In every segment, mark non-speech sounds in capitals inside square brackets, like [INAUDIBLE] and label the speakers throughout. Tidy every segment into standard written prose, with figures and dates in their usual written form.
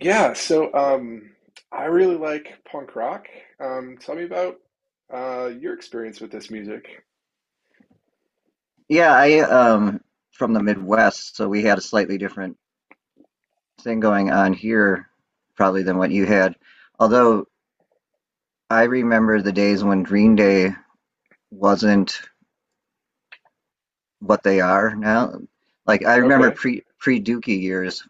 Speaker 1: Yeah, so I really like punk rock. Tell me about your experience with this music.
Speaker 2: Yeah, I from the Midwest, so we had a slightly different thing going on here probably than what you had. Although I remember the days when Green Day wasn't what they are now. Like I remember
Speaker 1: Okay.
Speaker 2: pre Dookie years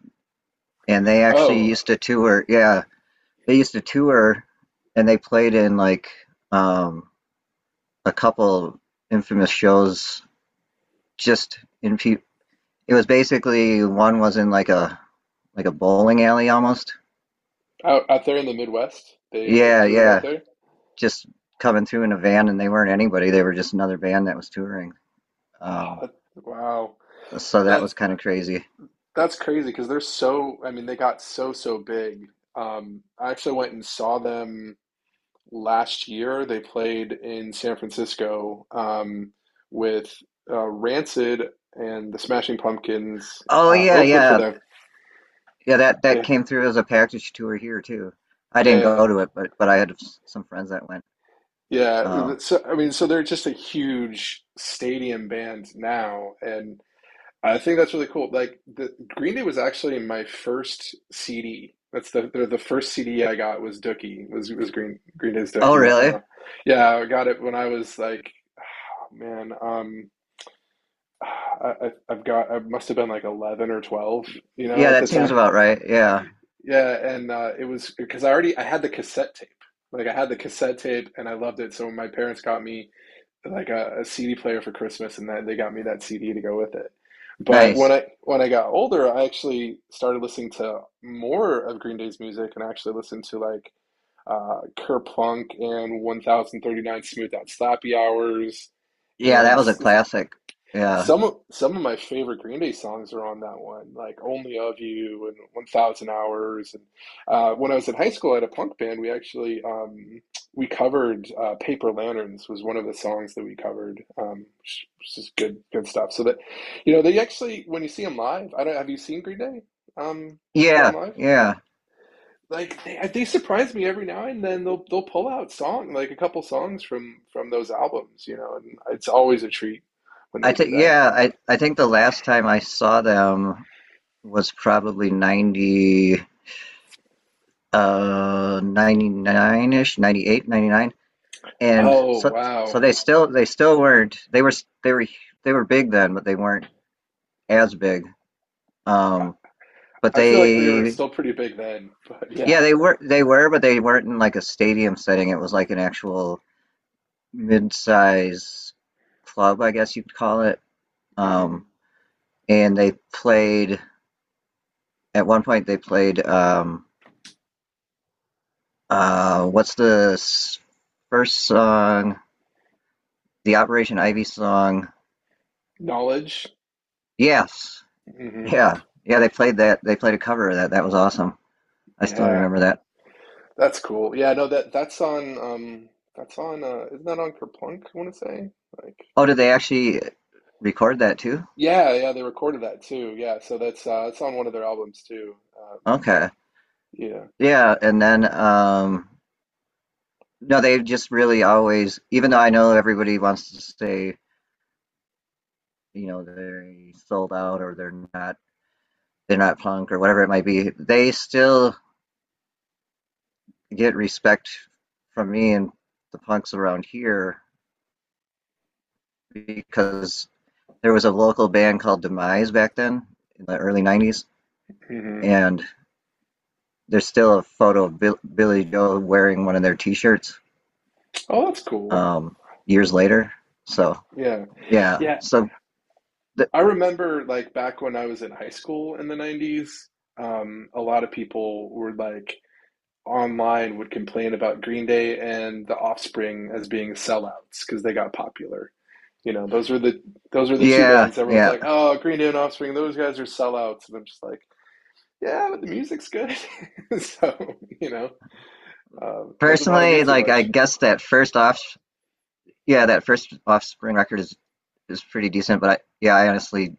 Speaker 2: and they actually
Speaker 1: Oh,
Speaker 2: used to tour. Yeah, they used to tour and they played in like um a couple infamous shows just in pe it was basically one was in like a bowling alley almost.
Speaker 1: out there in the Midwest, they like
Speaker 2: Yeah,
Speaker 1: toured out
Speaker 2: yeah.
Speaker 1: there.
Speaker 2: Just coming through in a van and they weren't anybody. They were just another band that was touring.
Speaker 1: Oh,
Speaker 2: Um,
Speaker 1: that, wow,
Speaker 2: so that was
Speaker 1: that's
Speaker 2: kind of crazy.
Speaker 1: crazy because they're so. I mean, they got so big. I actually went and saw them last year. They played in San Francisco with Rancid and the Smashing Pumpkins
Speaker 2: Oh yeah,
Speaker 1: opened for
Speaker 2: yeah.
Speaker 1: them.
Speaker 2: Yeah, that
Speaker 1: Yeah,
Speaker 2: came through as a package tour here too. I didn't
Speaker 1: yeah.
Speaker 2: go to it, but I had some friends that went.
Speaker 1: Yeah,
Speaker 2: Oh.
Speaker 1: so I mean, so they're just a huge stadium band now, and I think that's really cool. Like the Green Day was actually my first CD. That's the first CD I got was Dookie was Green Day's
Speaker 2: Oh
Speaker 1: Dookie.
Speaker 2: really?
Speaker 1: Yeah, I got it when I was like, oh, man, [SIGHS] I I've got I must have been like 11 or 12, you know,
Speaker 2: Yeah,
Speaker 1: at the
Speaker 2: that seems
Speaker 1: time.
Speaker 2: about right. Yeah.
Speaker 1: Yeah, and it was because I had the cassette tape. Like I had the cassette tape and I loved it. So when my parents got me, like, a CD player for Christmas, and that they got me that CD to go with it. But
Speaker 2: Nice.
Speaker 1: when I got older, I actually started listening to more of Green Day's music, and I actually listened to like Kerplunk and 1039 Smooth Out Slappy Hours
Speaker 2: Yeah, that
Speaker 1: and
Speaker 2: was a classic. Yeah.
Speaker 1: some of my favorite Green Day songs are on that one, like "Only of You" and "1,000 Hours." And when I was in high school, I had a punk band. We covered "Paper Lanterns" was one of the songs that we covered, which is good stuff. So that, they actually, when you see them live, I don't have you seen Green Day perform
Speaker 2: Yeah,
Speaker 1: live?
Speaker 2: yeah.
Speaker 1: Like they surprise me every now and then. They'll pull out song like a couple songs from those albums, and it's always a treat when
Speaker 2: I
Speaker 1: they do
Speaker 2: think
Speaker 1: that.
Speaker 2: yeah, I think the last time I saw them was probably 90 99ish, 98, 99, and
Speaker 1: Oh,
Speaker 2: so
Speaker 1: wow.
Speaker 2: they still weren't, they were they were big then, but they weren't as big,
Speaker 1: I,
Speaker 2: um but
Speaker 1: I feel like they were
Speaker 2: they,
Speaker 1: still pretty big then, but yeah.
Speaker 2: yeah, they were but they weren't in like a stadium setting. It was like an actual mid-size club, I guess you'd call it. um
Speaker 1: Hmm.
Speaker 2: and they played at one point, they played uh what's the s- first song, the Operation Ivy song.
Speaker 1: Knowledge.
Speaker 2: Yes.
Speaker 1: Hmm.
Speaker 2: Yeah. Yeah, they played that, they played a cover of that. That was awesome. I still
Speaker 1: Yeah.
Speaker 2: remember that.
Speaker 1: That's cool. Yeah, no, that that's on isn't that on Kerplunk, I want to say? Like
Speaker 2: Oh, did they actually record that too?
Speaker 1: Yeah, yeah, they recorded that too. Yeah, so that's it's on one of their albums too. Um
Speaker 2: Okay.
Speaker 1: yeah.
Speaker 2: Yeah, and then no, they've just really always, even though I know everybody wants to say, you know, they sold out or they're not punk or whatever it might be, they still get respect from me and the punks around here because there was a local band called Demise back then in the early 90s,
Speaker 1: Hmm.
Speaker 2: and there's still a photo of Bill, Billy Joe wearing one of their T-shirts,
Speaker 1: Oh, that's cool.
Speaker 2: um, years later. So
Speaker 1: Yeah.
Speaker 2: yeah,
Speaker 1: Yeah.
Speaker 2: so th-
Speaker 1: I remember like back when I was in high school in the 90s, a lot of people were, like, online would complain about Green Day and The Offspring as being sellouts because they got popular. You know, those were the two
Speaker 2: yeah,
Speaker 1: bands. Everyone's
Speaker 2: yeah.
Speaker 1: like, "Oh, Green Day and Offspring, those guys are sellouts," and I'm just like, "Yeah, but the music's good." [LAUGHS] So, doesn't bother me
Speaker 2: Personally,
Speaker 1: too
Speaker 2: like I
Speaker 1: much.
Speaker 2: guess that first off, yeah, that first Offspring record is pretty decent. But I, yeah, I honestly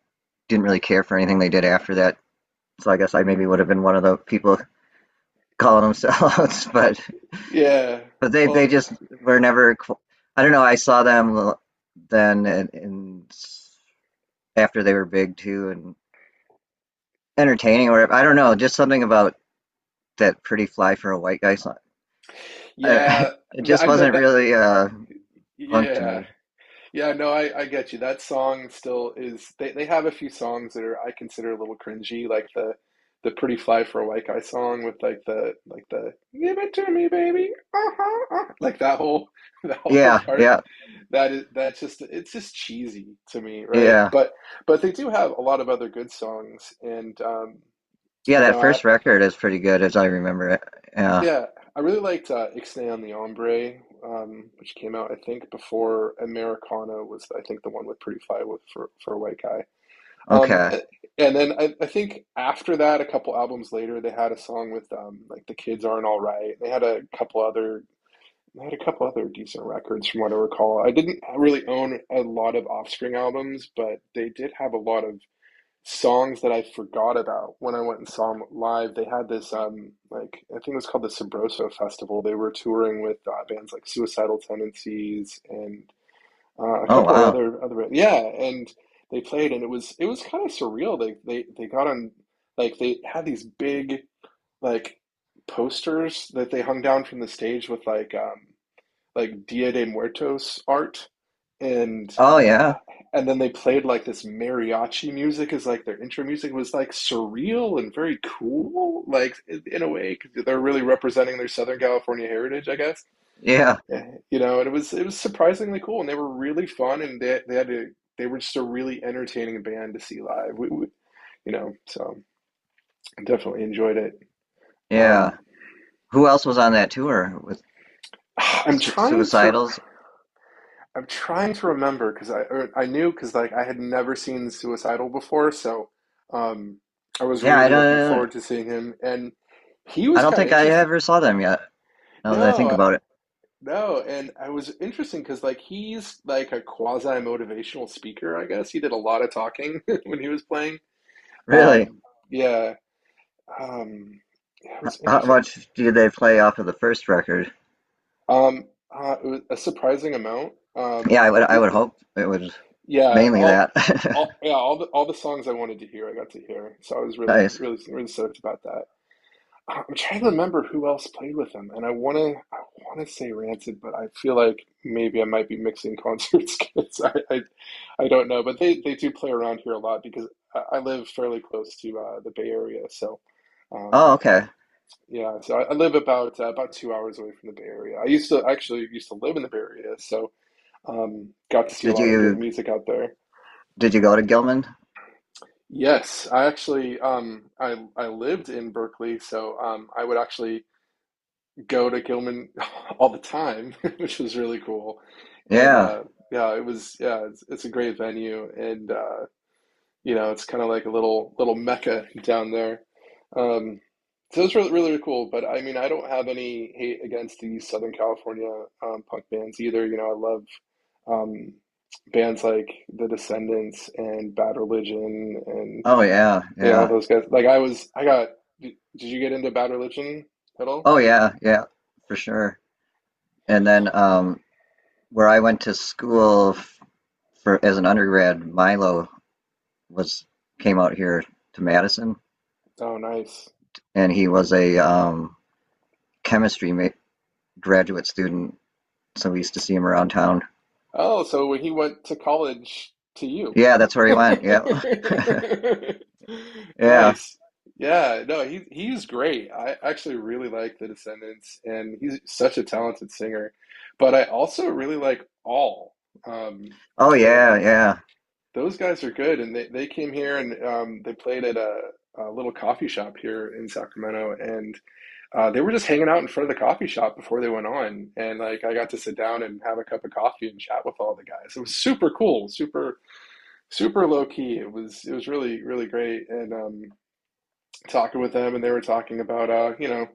Speaker 2: didn't really care for anything they did after that. So I guess I maybe
Speaker 1: Mhm.
Speaker 2: would have been one of the people [LAUGHS] calling them sellouts. But
Speaker 1: Yeah.
Speaker 2: but they
Speaker 1: Well,
Speaker 2: just were never. I don't know. I saw them then in after they were big too, and entertaining or whatever. I don't know, just something about that pretty fly for a white guy song.
Speaker 1: yeah.
Speaker 2: I, [LAUGHS] it just
Speaker 1: I know
Speaker 2: wasn't
Speaker 1: that.
Speaker 2: really punk to
Speaker 1: Yeah.
Speaker 2: me.
Speaker 1: Yeah, no, I get you. That song still is they have a few songs that are I consider a little cringy, like the Pretty Fly for a White Guy song with, like, the give it to me, baby. Uh-huh, like that whole [LAUGHS] that whole
Speaker 2: Yeah,
Speaker 1: part.
Speaker 2: yeah,
Speaker 1: That is that's just It's just cheesy to me, right?
Speaker 2: yeah.
Speaker 1: But they do have a lot of other good songs and
Speaker 2: Yeah,
Speaker 1: you
Speaker 2: that
Speaker 1: know I.
Speaker 2: first record is pretty good as I remember it. Yeah.
Speaker 1: Yeah, I really liked Ixnay on the Ombre, which came out, I think, before Americana was, I think, the one with Pretty Fly with, for a White Guy. Um,
Speaker 2: Okay.
Speaker 1: a- and then I think after that, a couple albums later, they had a song with like The Kids Aren't All Right. They had a couple other decent records from what I recall. I didn't really own a lot of Offspring albums, but they did have a lot of songs that I forgot about when I went and saw them live. They had this, like, I think it was called the Sabroso Festival. They were touring with bands like Suicidal Tendencies and a
Speaker 2: Oh
Speaker 1: couple of
Speaker 2: wow.
Speaker 1: other other yeah, and they played and it was kind of surreal. They got on, like, they had these big, like, posters that they hung down from the stage with, like, like, Dia de Muertos art, and
Speaker 2: Oh yeah.
Speaker 1: uh, and then they played like this mariachi music as like their intro music. It was like surreal and very cool, like, in a way, because they're really representing their Southern California heritage, I guess.
Speaker 2: Yeah.
Speaker 1: Yeah, you know, and it was surprisingly cool, and they were really fun, and they were just a really entertaining band to see live. You know, so I definitely enjoyed it. Um,
Speaker 2: Yeah. Who else was on that tour with
Speaker 1: [SIGHS] I'm trying to.
Speaker 2: Suicidals?
Speaker 1: I'm trying to remember because I knew because, like, I had never seen Suicidal before, so, um, I was
Speaker 2: Yeah, I
Speaker 1: really looking
Speaker 2: don't
Speaker 1: forward to seeing him, and he
Speaker 2: I
Speaker 1: was
Speaker 2: don't
Speaker 1: kind of
Speaker 2: think I
Speaker 1: interesting.
Speaker 2: ever saw them yet, now that I think
Speaker 1: No,
Speaker 2: about it.
Speaker 1: no, and I was interesting because, like, he's like a quasi motivational speaker, I guess. He did a lot of talking [LAUGHS] when he was playing.
Speaker 2: Really?
Speaker 1: Um, yeah. um, yeah, it
Speaker 2: H-
Speaker 1: was
Speaker 2: How
Speaker 1: interesting.
Speaker 2: much did they play off of the first record?
Speaker 1: Um, it was a surprising amount.
Speaker 2: Yeah, I would I would hope it was
Speaker 1: Yeah,
Speaker 2: mainly that. [LAUGHS]
Speaker 1: yeah, all the songs I wanted to hear, I got to hear. So I was really,
Speaker 2: Nice.
Speaker 1: really, really stoked about that. I'm trying to remember who else played with them, and I wanna say Rancid, but I feel like maybe I might be mixing concerts [LAUGHS] because I don't know. But they do play around here a lot because I live fairly close to the Bay Area, so. Um,
Speaker 2: Oh, okay.
Speaker 1: yeah, so I live about about 2 hours away from the Bay Area. I used to actually used to live in the Bay Area, so got to see a
Speaker 2: Did
Speaker 1: lot of good
Speaker 2: you
Speaker 1: music out there.
Speaker 2: did you go to Gilman?
Speaker 1: Yes, I actually I lived in Berkeley, so I would actually go to Gilman [LAUGHS] all the time, [LAUGHS] which was really cool. And
Speaker 2: Yeah.
Speaker 1: yeah, it's a great venue, and it's kind of like a little mecca [LAUGHS] down there. Um so it's really really really cool, but I mean, I don't have any hate against the Southern California punk bands either. You know, I love um bands like The Descendants and Bad Religion,
Speaker 2: Oh yeah,
Speaker 1: yeah, all
Speaker 2: yeah.
Speaker 1: those guys. I got. Did you get into Bad Religion at all?
Speaker 2: Oh yeah, yeah, for sure. And then where I went to school f for as an undergrad, Milo was came out here to Madison
Speaker 1: Oh, nice.
Speaker 2: and he was a chemistry ma graduate student, so we used to see him around town.
Speaker 1: Oh, so when he went to college to you.
Speaker 2: Yeah, that's where he went. Yeah. [LAUGHS]
Speaker 1: [LAUGHS]
Speaker 2: Yeah.
Speaker 1: Nice. Yeah, no, he's great. I actually really like The Descendants, and he's such a talented singer. But I also really like All. Um,
Speaker 2: Oh
Speaker 1: like,
Speaker 2: yeah, yeah.
Speaker 1: those guys are good, and they came here, and they played at a little coffee shop here in Sacramento, and they were just hanging out in front of the coffee shop before they went on, and like I got to sit down and have a cup of coffee and chat with all the guys. It was super cool, super super low key. It was really really great, and talking with them, and they were talking about.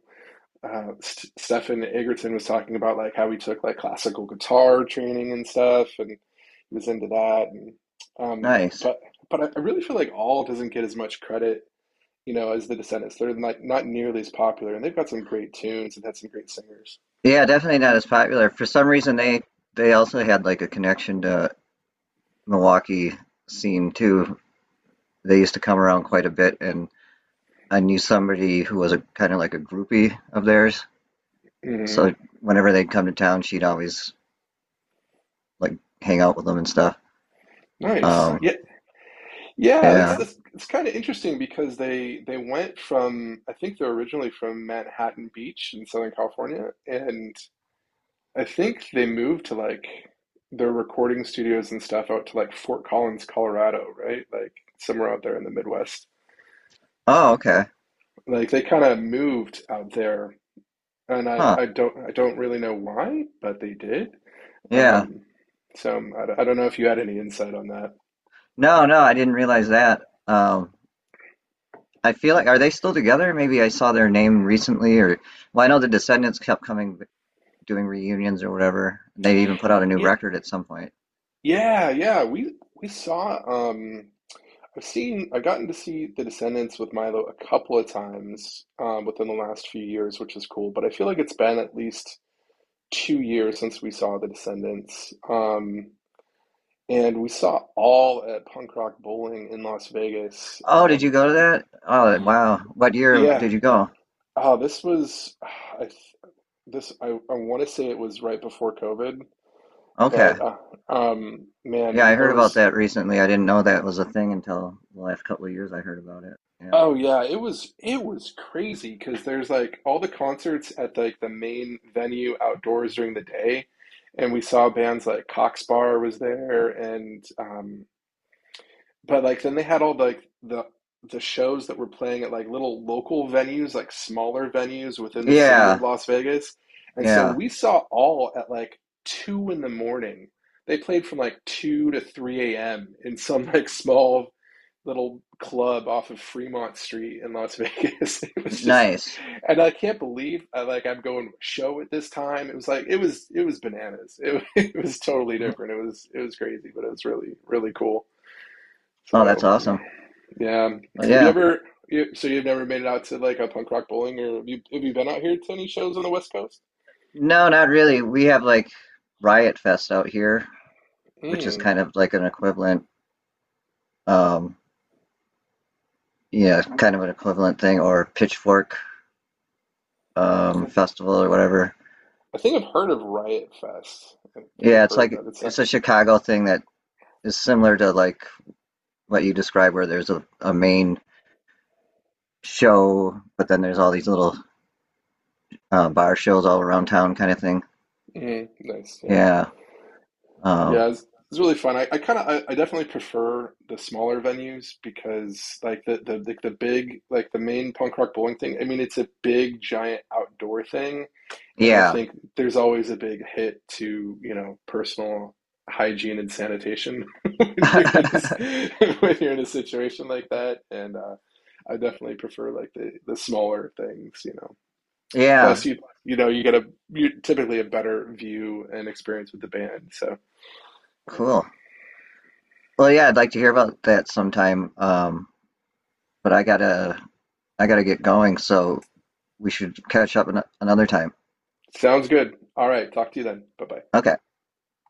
Speaker 1: Stefan Egerton was talking about, like, how he took like classical guitar training and stuff, and he was into that. And, um,
Speaker 2: Nice.
Speaker 1: but but I really feel like all doesn't get as much credit, you know, as the Descendants. They're not nearly as popular, and they've got some great tunes and had some great singers.
Speaker 2: Yeah, definitely not as popular. For some reason, they also had like a connection to Milwaukee scene too. They used to come around quite a bit, and I knew somebody who was a kind of like a groupie of theirs.
Speaker 1: Hmm.
Speaker 2: So whenever they'd come to town, she'd always like hang out with them and stuff.
Speaker 1: Nice.
Speaker 2: Right.
Speaker 1: Yeah, yeah.
Speaker 2: Yeah.
Speaker 1: That's It's kind of interesting because they went from, I think, they're originally from Manhattan Beach in Southern California, and I think they moved to like their recording studios and stuff out to like Fort Collins, Colorado, right? Like somewhere out there in the Midwest.
Speaker 2: Oh, okay.
Speaker 1: Like they kind of moved out there, and I
Speaker 2: Huh.
Speaker 1: I don't I don't really know why, but they did.
Speaker 2: Yeah.
Speaker 1: Um, so, I don't know if you had any insight on that.
Speaker 2: No, no, I didn't realize that. I feel like, are they still together? Maybe I saw their name recently, or, well, I know the Descendants kept coming doing reunions or whatever. They even put out a new
Speaker 1: Yeah,
Speaker 2: record at some point.
Speaker 1: yeah, yeah. We saw. Um, I've seen. I've gotten to see The Descendants with Milo a couple of times, within the last few years, which is cool. But I feel like it's been at least 2 years since we saw The Descendants. And we saw all at Punk Rock Bowling in Las Vegas.
Speaker 2: Oh, did you go to that? Oh, wow. What year
Speaker 1: Yeah.
Speaker 2: did you go?
Speaker 1: Oh, this was. [SIGHS] I I want to say it was right before COVID.
Speaker 2: Okay.
Speaker 1: But
Speaker 2: Yeah,
Speaker 1: man,
Speaker 2: I
Speaker 1: there
Speaker 2: heard about
Speaker 1: was
Speaker 2: that recently. I didn't know that was a thing until the last couple of years I heard about it. Yeah.
Speaker 1: oh yeah, it was crazy because there's, like, all the concerts at, like, the main venue outdoors during the day, and we saw bands like Cox Bar was there, and but, like, then they had all the, like, the shows that were playing at like little local venues, like smaller venues within the city of
Speaker 2: Yeah.
Speaker 1: Las Vegas. And so
Speaker 2: Yeah.
Speaker 1: we saw all at like 2 in the morning. They played from like 2 to 3 AM in some [LAUGHS] like small little club off of Fremont Street in Las Vegas. [LAUGHS] It was just
Speaker 2: Nice.
Speaker 1: And I can't believe, I'm going to a show at this time. It was like it was bananas. [LAUGHS] It was totally different. It was crazy, but it was really really cool.
Speaker 2: Oh, that's
Speaker 1: So,
Speaker 2: awesome.
Speaker 1: yeah.
Speaker 2: Well,
Speaker 1: Have you
Speaker 2: yeah.
Speaker 1: ever? So you've never made it out to, like, a punk rock bowling, or have you? Have you been out here to any shows on the West Coast?
Speaker 2: No, not really. We have like Riot Fest out here, which is
Speaker 1: Mm.
Speaker 2: kind of like an equivalent, um, yeah, kind of an equivalent thing, or Pitchfork
Speaker 1: I,
Speaker 2: Festival or whatever.
Speaker 1: I think I've heard of Riot Fest. I think
Speaker 2: Yeah,
Speaker 1: I've
Speaker 2: it's
Speaker 1: heard of
Speaker 2: like
Speaker 1: that. It's not.
Speaker 2: it's a Chicago thing that is similar to like what you described, where there's a main show, but then there's all these little bar shows all around town, kind of thing.
Speaker 1: Nice. Yeah,
Speaker 2: Yeah,
Speaker 1: yeah.
Speaker 2: um,
Speaker 1: It's really fun. I kind of, I definitely prefer the smaller venues because, like, the big, like, the main punk rock bowling thing. I mean, it's a big giant outdoor thing. And I
Speaker 2: yeah,
Speaker 1: think there's always a big hit to, personal hygiene and sanitation [LAUGHS] when you're in this, [LAUGHS]
Speaker 2: [LAUGHS]
Speaker 1: when you're in a situation like that. And I definitely prefer like the smaller things, you know.
Speaker 2: yeah.
Speaker 1: Plus, you know, you get a you typically a better view and experience with the band. So, you know,
Speaker 2: Cool. Well, yeah, I'd like to hear about that sometime. But I gotta get going, so we should catch up an another time.
Speaker 1: sounds good. All right, talk to you then. Bye bye.
Speaker 2: Okay.